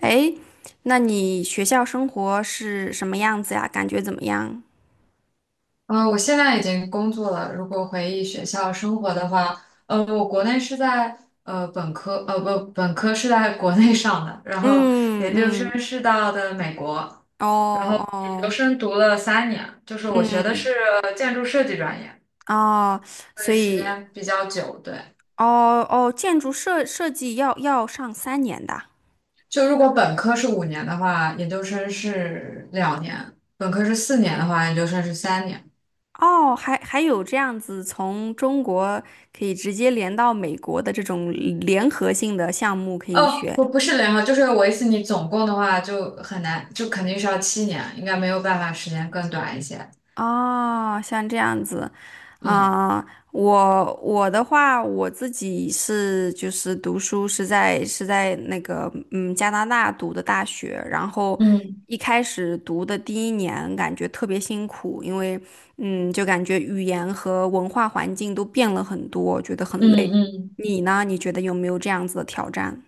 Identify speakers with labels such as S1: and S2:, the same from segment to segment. S1: 诶，那你学校生活是什么样子呀？感觉怎么样？
S2: 嗯，我现在已经工作了。如果回忆学校生活的话，我国内是在本科，呃不，本科是在国内上的，然后
S1: 嗯
S2: 研究
S1: 嗯，
S2: 生是到的美国，
S1: 哦
S2: 然后研究
S1: 哦，
S2: 生读了三年，就是我学的是
S1: 嗯
S2: 建筑设计专业，
S1: 哦，
S2: 所以
S1: 所
S2: 时
S1: 以
S2: 间比较久。对，
S1: 哦哦，建筑设计要上三年的。
S2: 就如果本科是5年的话，研究生是2年；本科是4年的话，研究生是三年。
S1: 哦，还有这样子从中国可以直接连到美国的这种联合性的项目可以
S2: 哦，
S1: 学
S2: 不是零号，就是我意思，你总共的话就很难，就肯定是要7年，应该没有办法时间更短一些。
S1: 哦，像这样子，
S2: 嗯
S1: 啊、我的话，我自己是就是读书是在是在那个加拿大读的大学，然后
S2: 嗯
S1: 一开始读的第一年感觉特别辛苦，因为嗯就感觉语言和文化环境都变了很多，觉得很
S2: 嗯
S1: 累。
S2: 嗯，
S1: 你呢？你觉得有没有这样子的挑战？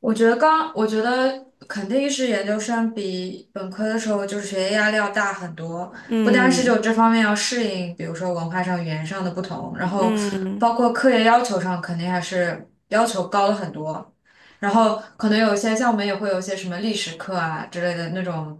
S2: 我觉得肯定是研究生比本科的时候就是学业压力要大很多，不单是
S1: 嗯
S2: 就这方面要适应，比如说文化上、语言上的不同，然后
S1: 嗯
S2: 包括课业要求上肯定还是要求高了很多。然后可能有一些像我们也会有一些什么历史课啊之类的那种，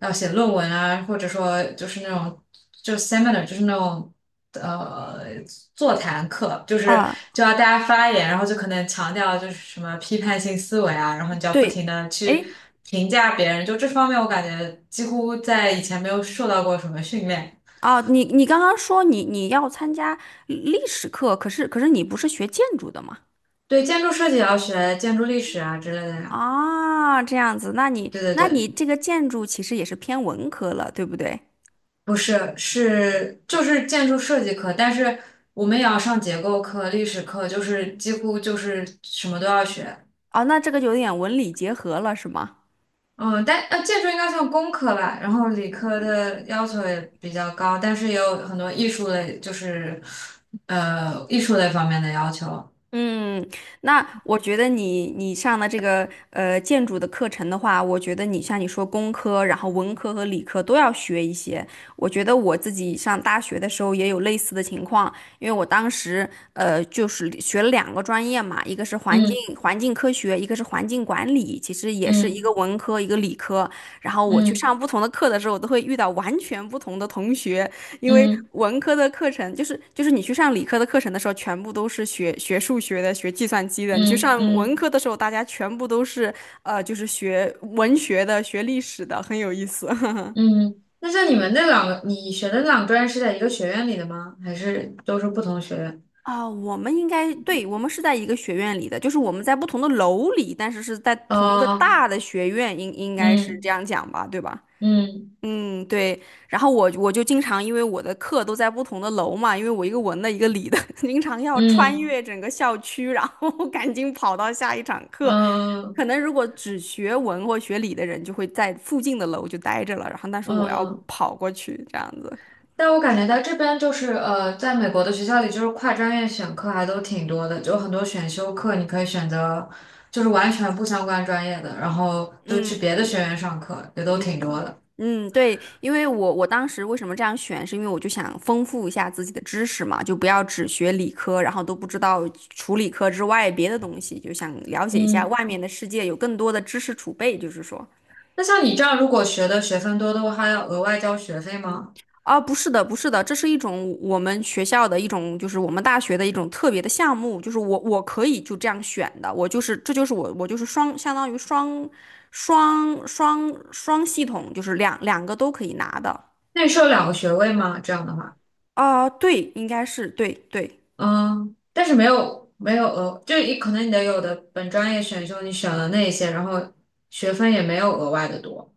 S2: 要写论文啊，或者说就是那种就是 seminar，就是那种呃座谈课，就是
S1: 啊，
S2: 就要大家发言，然后就可能强调就是什么批判性思维啊，然后你就要不停
S1: 对，
S2: 的去
S1: 哎，
S2: 评价别人，就这方面我感觉几乎在以前没有受到过什么训练。
S1: 哦，你刚刚说你要参加历史课，可是你不是学建筑的吗？
S2: 对，建筑设计也要学建筑历史啊之类的呀。
S1: 啊，这样子，那你
S2: 对对
S1: 那你
S2: 对。
S1: 这个建筑其实也是偏文科了，对不对？
S2: 不是，是就是建筑设计课，但是我们也要上结构课、历史课，就是几乎就是什么都要学。
S1: 哦，那这个有点文理结合了，是吗？
S2: 嗯，但建筑应该算工科吧，然后理科的要求也比较高，但是也有很多艺术类，就是艺术类方面的要求。
S1: 嗯，那我觉得你上的这个建筑的课程的话，我觉得你像你说工科，然后文科和理科都要学一些。我觉得我自己上大学的时候也有类似的情况，因为我当时就是学了两个专业嘛，一个是环境
S2: 嗯
S1: 环境科学，一个是环境管理，其实也是一个
S2: 嗯
S1: 文科一个理科。然后我去
S2: 嗯
S1: 上不同的课的时候，我都会遇到完全不同的同学，因为
S2: 嗯
S1: 文科的课程就是你去上理科的课程的时候，全部都是学数学的、学计算机的；你去
S2: 嗯
S1: 上文
S2: 嗯
S1: 科的时候，大家全部都是就是学文学的、学历史的，很有意思。
S2: 嗯。那像你们那两个，你学的那两个专业是在一个学院里的吗？还是都是不同学院？
S1: 我们应该对，我们是在一个学院里的，就是我们在不同的楼里，但是是在同一个
S2: 哦，
S1: 大的学院，应该是这
S2: 嗯
S1: 样讲吧，对吧？
S2: 嗯。
S1: 嗯，对。然后我就经常因为我的课都在不同的楼嘛，因为我一个文的，一个理的，经常要穿
S2: 嗯
S1: 越整个校区，然后 赶紧跑到下一场课。可
S2: 嗯
S1: 能如果只学文或学理的人，就会在附近的楼就待着了，然后但是我要
S2: 嗯，
S1: 跑过去这样子。
S2: 但我感觉在这边就是在美国的学校里，就是跨专业选课还都挺多的，就很多选修课你可以选择，就是完全不相关专业的，然后就去
S1: 嗯。
S2: 别的学院上课，也都挺多
S1: 嗯
S2: 的。
S1: 嗯，对，因为我当时为什么这样选，是因为我就想丰富一下自己的知识嘛，就不要只学理科，然后都不知道除理科之外别的东西，就想了解一下
S2: 嗯，
S1: 外面的世界，有更多的知识储备，就是说。
S2: 那像你这样，如果学的学分多的话，还要额外交学费吗？
S1: 啊，不是的，不是的，这是一种我们学校的一种，就是我们大学的一种特别的项目，就是我可以就这样选的，我就是这就是我就是双相当于双双系统，就是两个都可以拿的。
S2: 那你是有两个学位吗？这样的话，
S1: 对，应该是对对，
S2: 嗯，但是没有额，就一可能你的有的本专业选修你选了那一些，然后学分也没有额外的多。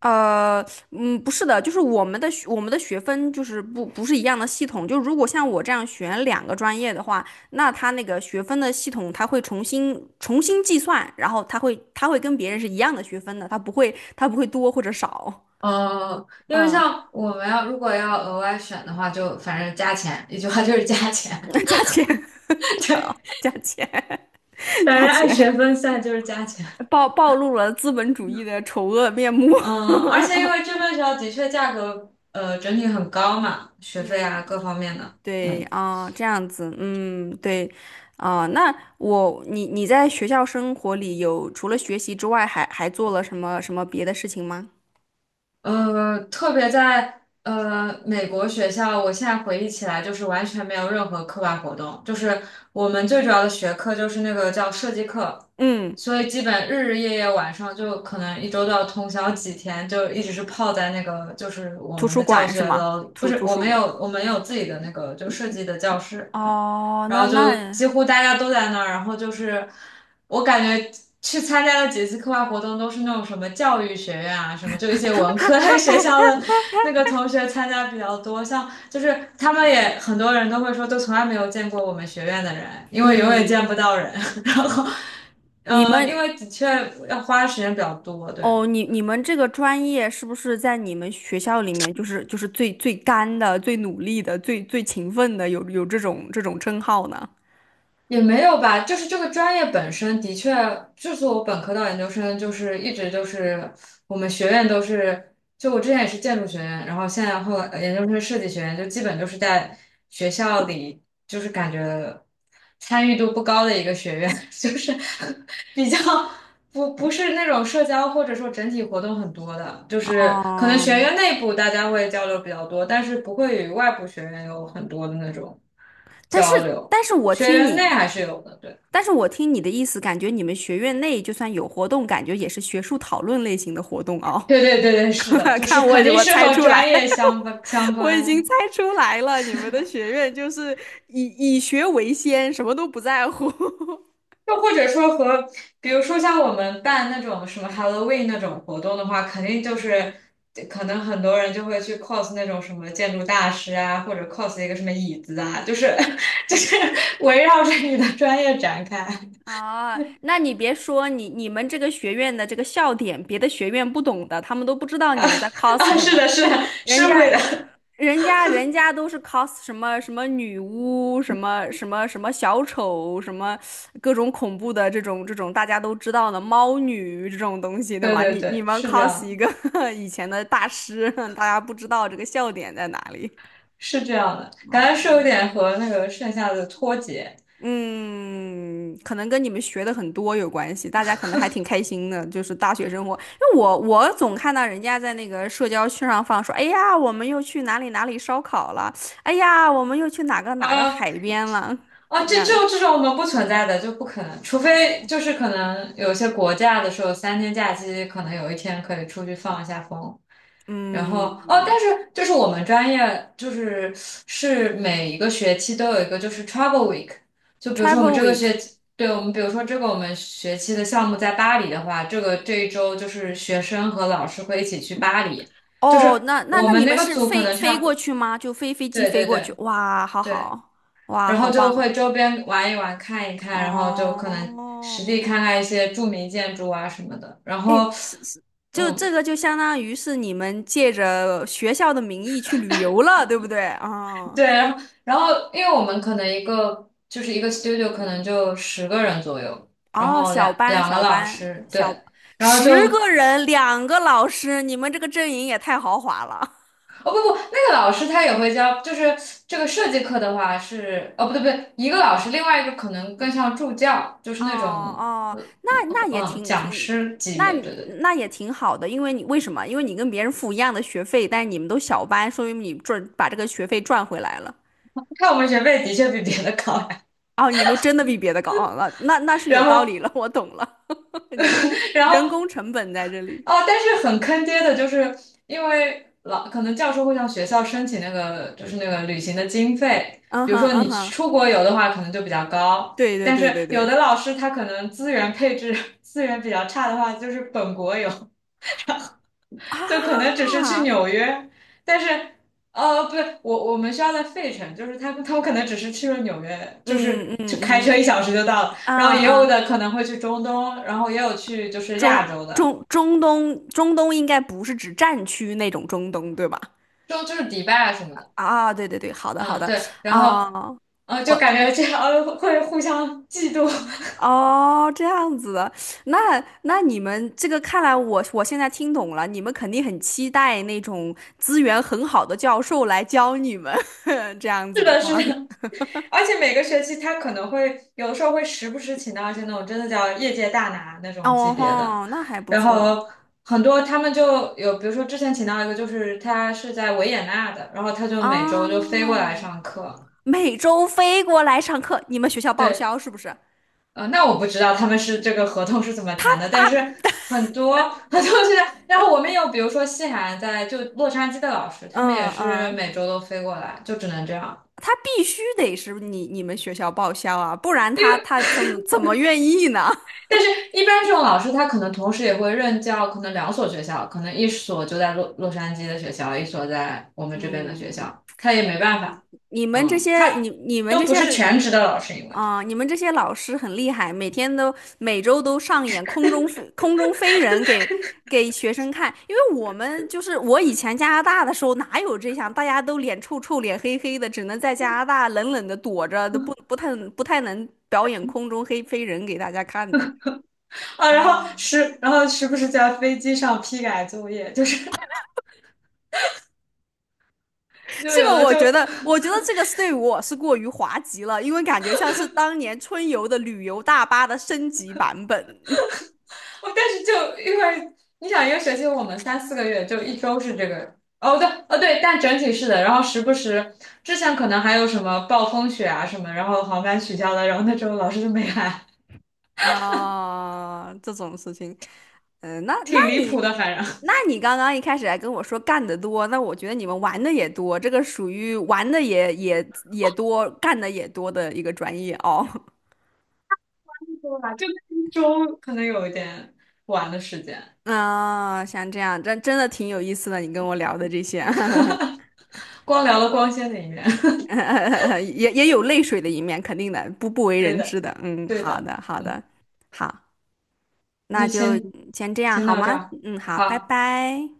S1: 呃，嗯，不是的，就是我们的学我们的学分就是不是一样的系统，就如果像我这样选两个专业的话，那他那个学分的系统他会重新计算，然后他会跟别人是一样的学分的，他不会多或者少，
S2: 因为
S1: 嗯，
S2: 像我们要如果要额外选的话，就反正加钱，一句话就是加钱。
S1: 加钱
S2: 对，
S1: 加钱
S2: 反
S1: 加
S2: 正按学
S1: 钱，
S2: 分算就是加钱。
S1: 暴露了资本主义的丑恶面目，
S2: 嗯、而且因为这边学校的确价格整体很高嘛，学费
S1: 嗯。
S2: 啊各方面的。
S1: 对
S2: 嗯。
S1: 啊，这样子，嗯，对，啊，那我你你在学校生活里有除了学习之外还，还做了什么什么别的事情吗？
S2: 特别在美国学校，我现在回忆起来，就是完全没有任何课外活动，就是我们最主要的学科就是那个叫设计课，
S1: 嗯，
S2: 所以基本日日夜夜晚上就可能一周都要通宵几天，就一直是泡在那个就是我
S1: 图
S2: 们
S1: 书
S2: 的教
S1: 馆是
S2: 学
S1: 吗？
S2: 楼，不
S1: 图
S2: 是
S1: 图
S2: 我
S1: 书
S2: 们有
S1: 馆。
S2: 我们有自己的那个就设计的教室，
S1: 哦，
S2: 然
S1: 那
S2: 后就几
S1: 那
S2: 乎大家都在那儿，然后就是我感觉去参加的几次课外活动都是那种什么教育学院啊，什么就一些文科类 学校的那个同学参加比较多，像就是他们也很多人都会说，都从来没有见过我们学院的人，因为永远见不到人，然后。
S1: 你
S2: 因
S1: 们
S2: 为的确要花的时间比较多，对。
S1: 哦，你你们这个专业是不是在你们学校里面就是最干的、最努力的、最勤奋的，有这种这种称号呢？
S2: 也没有吧，就是这个专业本身的确，就是我本科到研究生，就是一直就是我们学院都是，就我之前也是建筑学院，然后现在后来研究生设计学院，就基本就是在学校里，就是感觉参与度不高的一个学院，就是比较不是那种社交或者说整体活动很多的，就是可能
S1: 哦，
S2: 学院内部大家会交流比较多，但是不会与外部学院有很多的那种
S1: 但是
S2: 交流。
S1: 但是我
S2: 学
S1: 听
S2: 员内
S1: 你。
S2: 还是有的，对，
S1: 但是我听你的意思，感觉你们学院内就算有活动，感觉也是学术讨论类型的活动哦。
S2: 对对对对，是的，就是
S1: 看我，
S2: 肯定
S1: 我
S2: 是
S1: 猜
S2: 和
S1: 出
S2: 专
S1: 来，
S2: 业相关 相
S1: 我已经
S2: 关，
S1: 猜出来了，你们的学院就是以学为先，什么都不在乎。
S2: 又或者说和，比如说像我们办那种什么 Halloween 那种活动的话，肯定就是可能很多人就会去 cos 那种什么建筑大师啊，或者 cos 一个什么椅子啊，就是 就是围绕着你的专业展开
S1: 啊，那你别说，你你们这个学院的这个笑点，别的学院不懂的，他们都不知道你们在 cos
S2: 啊，
S1: 什
S2: 是
S1: 么。
S2: 的，是的，是
S1: 人
S2: 会的，
S1: 家，人家，人家都是 cos 什么什么女巫，什么什么什么小丑，什么各种恐怖的这种这种大家都知道的猫女这种东西，对
S2: 对
S1: 吗？
S2: 对
S1: 你你
S2: 对，
S1: 们
S2: 是这样
S1: cos 一
S2: 的，
S1: 个 以前的大师，大家不知道这个笑点在哪里。
S2: 是这样的，感觉是
S1: 哦。
S2: 有点和那个剩下的脱节。
S1: 嗯，可能跟你们学的很多有关系，大家可能还挺开心的，就是大学生活。因为我总看到人家在那个社交圈上放说，哎呀，我们又去哪里哪里烧烤了，哎呀，我们又去哪个哪个
S2: 啊。
S1: 海边了，
S2: 啊，
S1: 就那
S2: 这这
S1: 样。
S2: 种这种我们不存在的就不可能，除非就是可能有些国家的时候，3天假期可能有一天可以出去放一下风。然后哦，
S1: 嗯
S2: 但是就是我们专业就是每一个学期都有一个就是 travel week，就比如说我们
S1: ，Travel
S2: 这个
S1: Week，
S2: 学期，对我们比如说这个我们学期的项目在巴黎的话，这一周就是学生和老师会一起去巴黎，就
S1: 哦，
S2: 是
S1: 那那
S2: 我
S1: 那你
S2: 们那
S1: 们
S2: 个
S1: 是
S2: 组可
S1: 飞
S2: 能差
S1: 飞
S2: 不
S1: 过
S2: 多
S1: 去吗？就飞机
S2: 对
S1: 飞
S2: 对
S1: 过去？
S2: 对。
S1: 哇，好
S2: 对
S1: 好，哇，
S2: 然
S1: 好
S2: 后就
S1: 棒，
S2: 会周边玩一玩、看一看，然后就可能实地
S1: 哦。
S2: 看看一些著名建筑啊什么的。然
S1: 哎，
S2: 后，
S1: 是是，就这
S2: 嗯，
S1: 个就相当于是你们借着学校的名义去旅游了，对不对？啊，
S2: 对，然后因为我们可能一个 studio 可能就10个人左右，然
S1: 哦，
S2: 后
S1: 小
S2: 两
S1: 班
S2: 两个
S1: 小
S2: 老
S1: 班
S2: 师，
S1: 小，
S2: 对，然后
S1: 十个
S2: 就
S1: 人，两个老师，你们这个阵营也太豪华了。
S2: 哦不不，那个老师他也会教，就是这个设计课的话是哦不对不对，一个老师，另外一个可能更像助教，就是
S1: 哦
S2: 那种
S1: 哦，那那也挺
S2: 讲
S1: 挺，
S2: 师级
S1: 那
S2: 别，对
S1: 你
S2: 对对。
S1: 那也挺好的，因为你为什么？因为你跟别人付一样的学费，但是你们都小班，说明你赚把这个学费赚回来了。
S2: 看我们学费的确比别的高，
S1: 哦，你们真的比别的高，哦，那那那是有
S2: 然
S1: 道
S2: 后，
S1: 理了，我懂了。人工
S2: 然
S1: 人
S2: 后，
S1: 工成本在这里。
S2: 哦，但是很坑爹的，就是因为可能教授会向学校申请那个，就是那个旅行的经费。
S1: 嗯
S2: 比如
S1: 哼，
S2: 说
S1: 嗯
S2: 你
S1: 哼，
S2: 出国游的话，可能就比较高，
S1: 对对
S2: 但
S1: 对
S2: 是
S1: 对
S2: 有
S1: 对
S2: 的老师他可能资源配置 资源比较差的话，就是本国游，就可能只是去
S1: 啊，
S2: 纽约，但是。不对，我们学校在费城，就是他们可能只是去了纽约，就
S1: 嗯
S2: 是就
S1: 嗯
S2: 开车一
S1: 嗯
S2: 小时就到了，
S1: 啊
S2: 然后也有
S1: 啊，
S2: 的可能会去中东，然后也有去就是亚
S1: 中
S2: 洲的，
S1: 中中东中东应该不是指战区那种中东，对吧？
S2: 就是迪拜啊什么的，
S1: 啊，对对对，好的好
S2: 嗯，
S1: 的
S2: 对，然后，
S1: 啊，
S2: 就感
S1: 我
S2: 觉这样会互相嫉妒，
S1: 哦这样子的，那那你们这个看来我现在听懂了，你们肯定很期待那种资源很好的教授来教你们 这样 子
S2: 是
S1: 的
S2: 的，是
S1: 话。
S2: 的，而且每个学期他可能会有的时候会时不时请到一些那种真的叫业界大拿那种级
S1: 哦
S2: 别的，
S1: 吼，那还不
S2: 然
S1: 错
S2: 后很多他们就有，比如说之前请到一个就是他是在维也纳的，然后他就每周就
S1: 啊！
S2: 飞过来上课，
S1: 每周飞过来上课，你们学校报
S2: 对。
S1: 销是不是？
S2: 那我不知道他们是这个合同是怎么谈的，但是很多 很多现在，然后我们有比如说西海岸在就洛杉矶的老师，他们也
S1: 嗯
S2: 是
S1: 嗯，
S2: 每周都飞过来，就只能这样。
S1: 他必须得是你们学校报销啊，不然他他怎么愿意呢？
S2: 但是，一般这种老师他可能同时也会任教，可能两所学校，可能一所就在洛杉矶的学校，一所在我 们这边的学
S1: 嗯，
S2: 校，他也没办法，
S1: 你们这
S2: 嗯，
S1: 些你
S2: 他
S1: 你们
S2: 都
S1: 这
S2: 不
S1: 些
S2: 是全职的老师，因为
S1: 啊，你们这些老师很厉害，每天都每周都上演空中飞人给给学生看。因为我们就是我以前加拿大的时候哪有这样，大家都脸臭臭、脸黑黑的，只能在加拿大冷冷的躲着，都不太能表演空中黑飞人给大家看的。
S2: 啊，然后
S1: 啊，
S2: 时然后时不时在飞机上批改作业，就是 就
S1: 这
S2: 有
S1: 个
S2: 的
S1: 我
S2: 就。
S1: 觉得，我觉得这个是对我是过于滑稽了，因为感觉像是当年春游的旅游大巴的升级版本。
S2: 哦，但是就因为你想一个学期我们三四个月，就一周是这个。哦，对，哦对，但整体是的。然后时不时之前可能还有什么暴风雪啊什么，然后航班取消了，然后那周老师就没来，
S1: 啊，这种事情，嗯、那那
S2: 挺离
S1: 你，
S2: 谱的。反正
S1: 那 你刚刚一开始还跟我说干得多，那我觉得你们玩的也多，这个属于玩的也也多，干的也多的一个专业哦。
S2: 对吧？就周可能有一点晚的时间，
S1: 啊，像这样，真的挺有意思的，你跟我聊的这些，
S2: 光聊了光鲜的一面。
S1: 也也有泪水的一面，肯定的，不不 为
S2: 对
S1: 人知
S2: 的，
S1: 的。嗯，
S2: 对
S1: 好
S2: 的，
S1: 的，好
S2: 嗯，
S1: 的，好，那
S2: 那
S1: 就
S2: 先
S1: 先这样
S2: 先
S1: 好
S2: 到这
S1: 吗？
S2: 儿，
S1: 嗯，好，拜
S2: 好。
S1: 拜。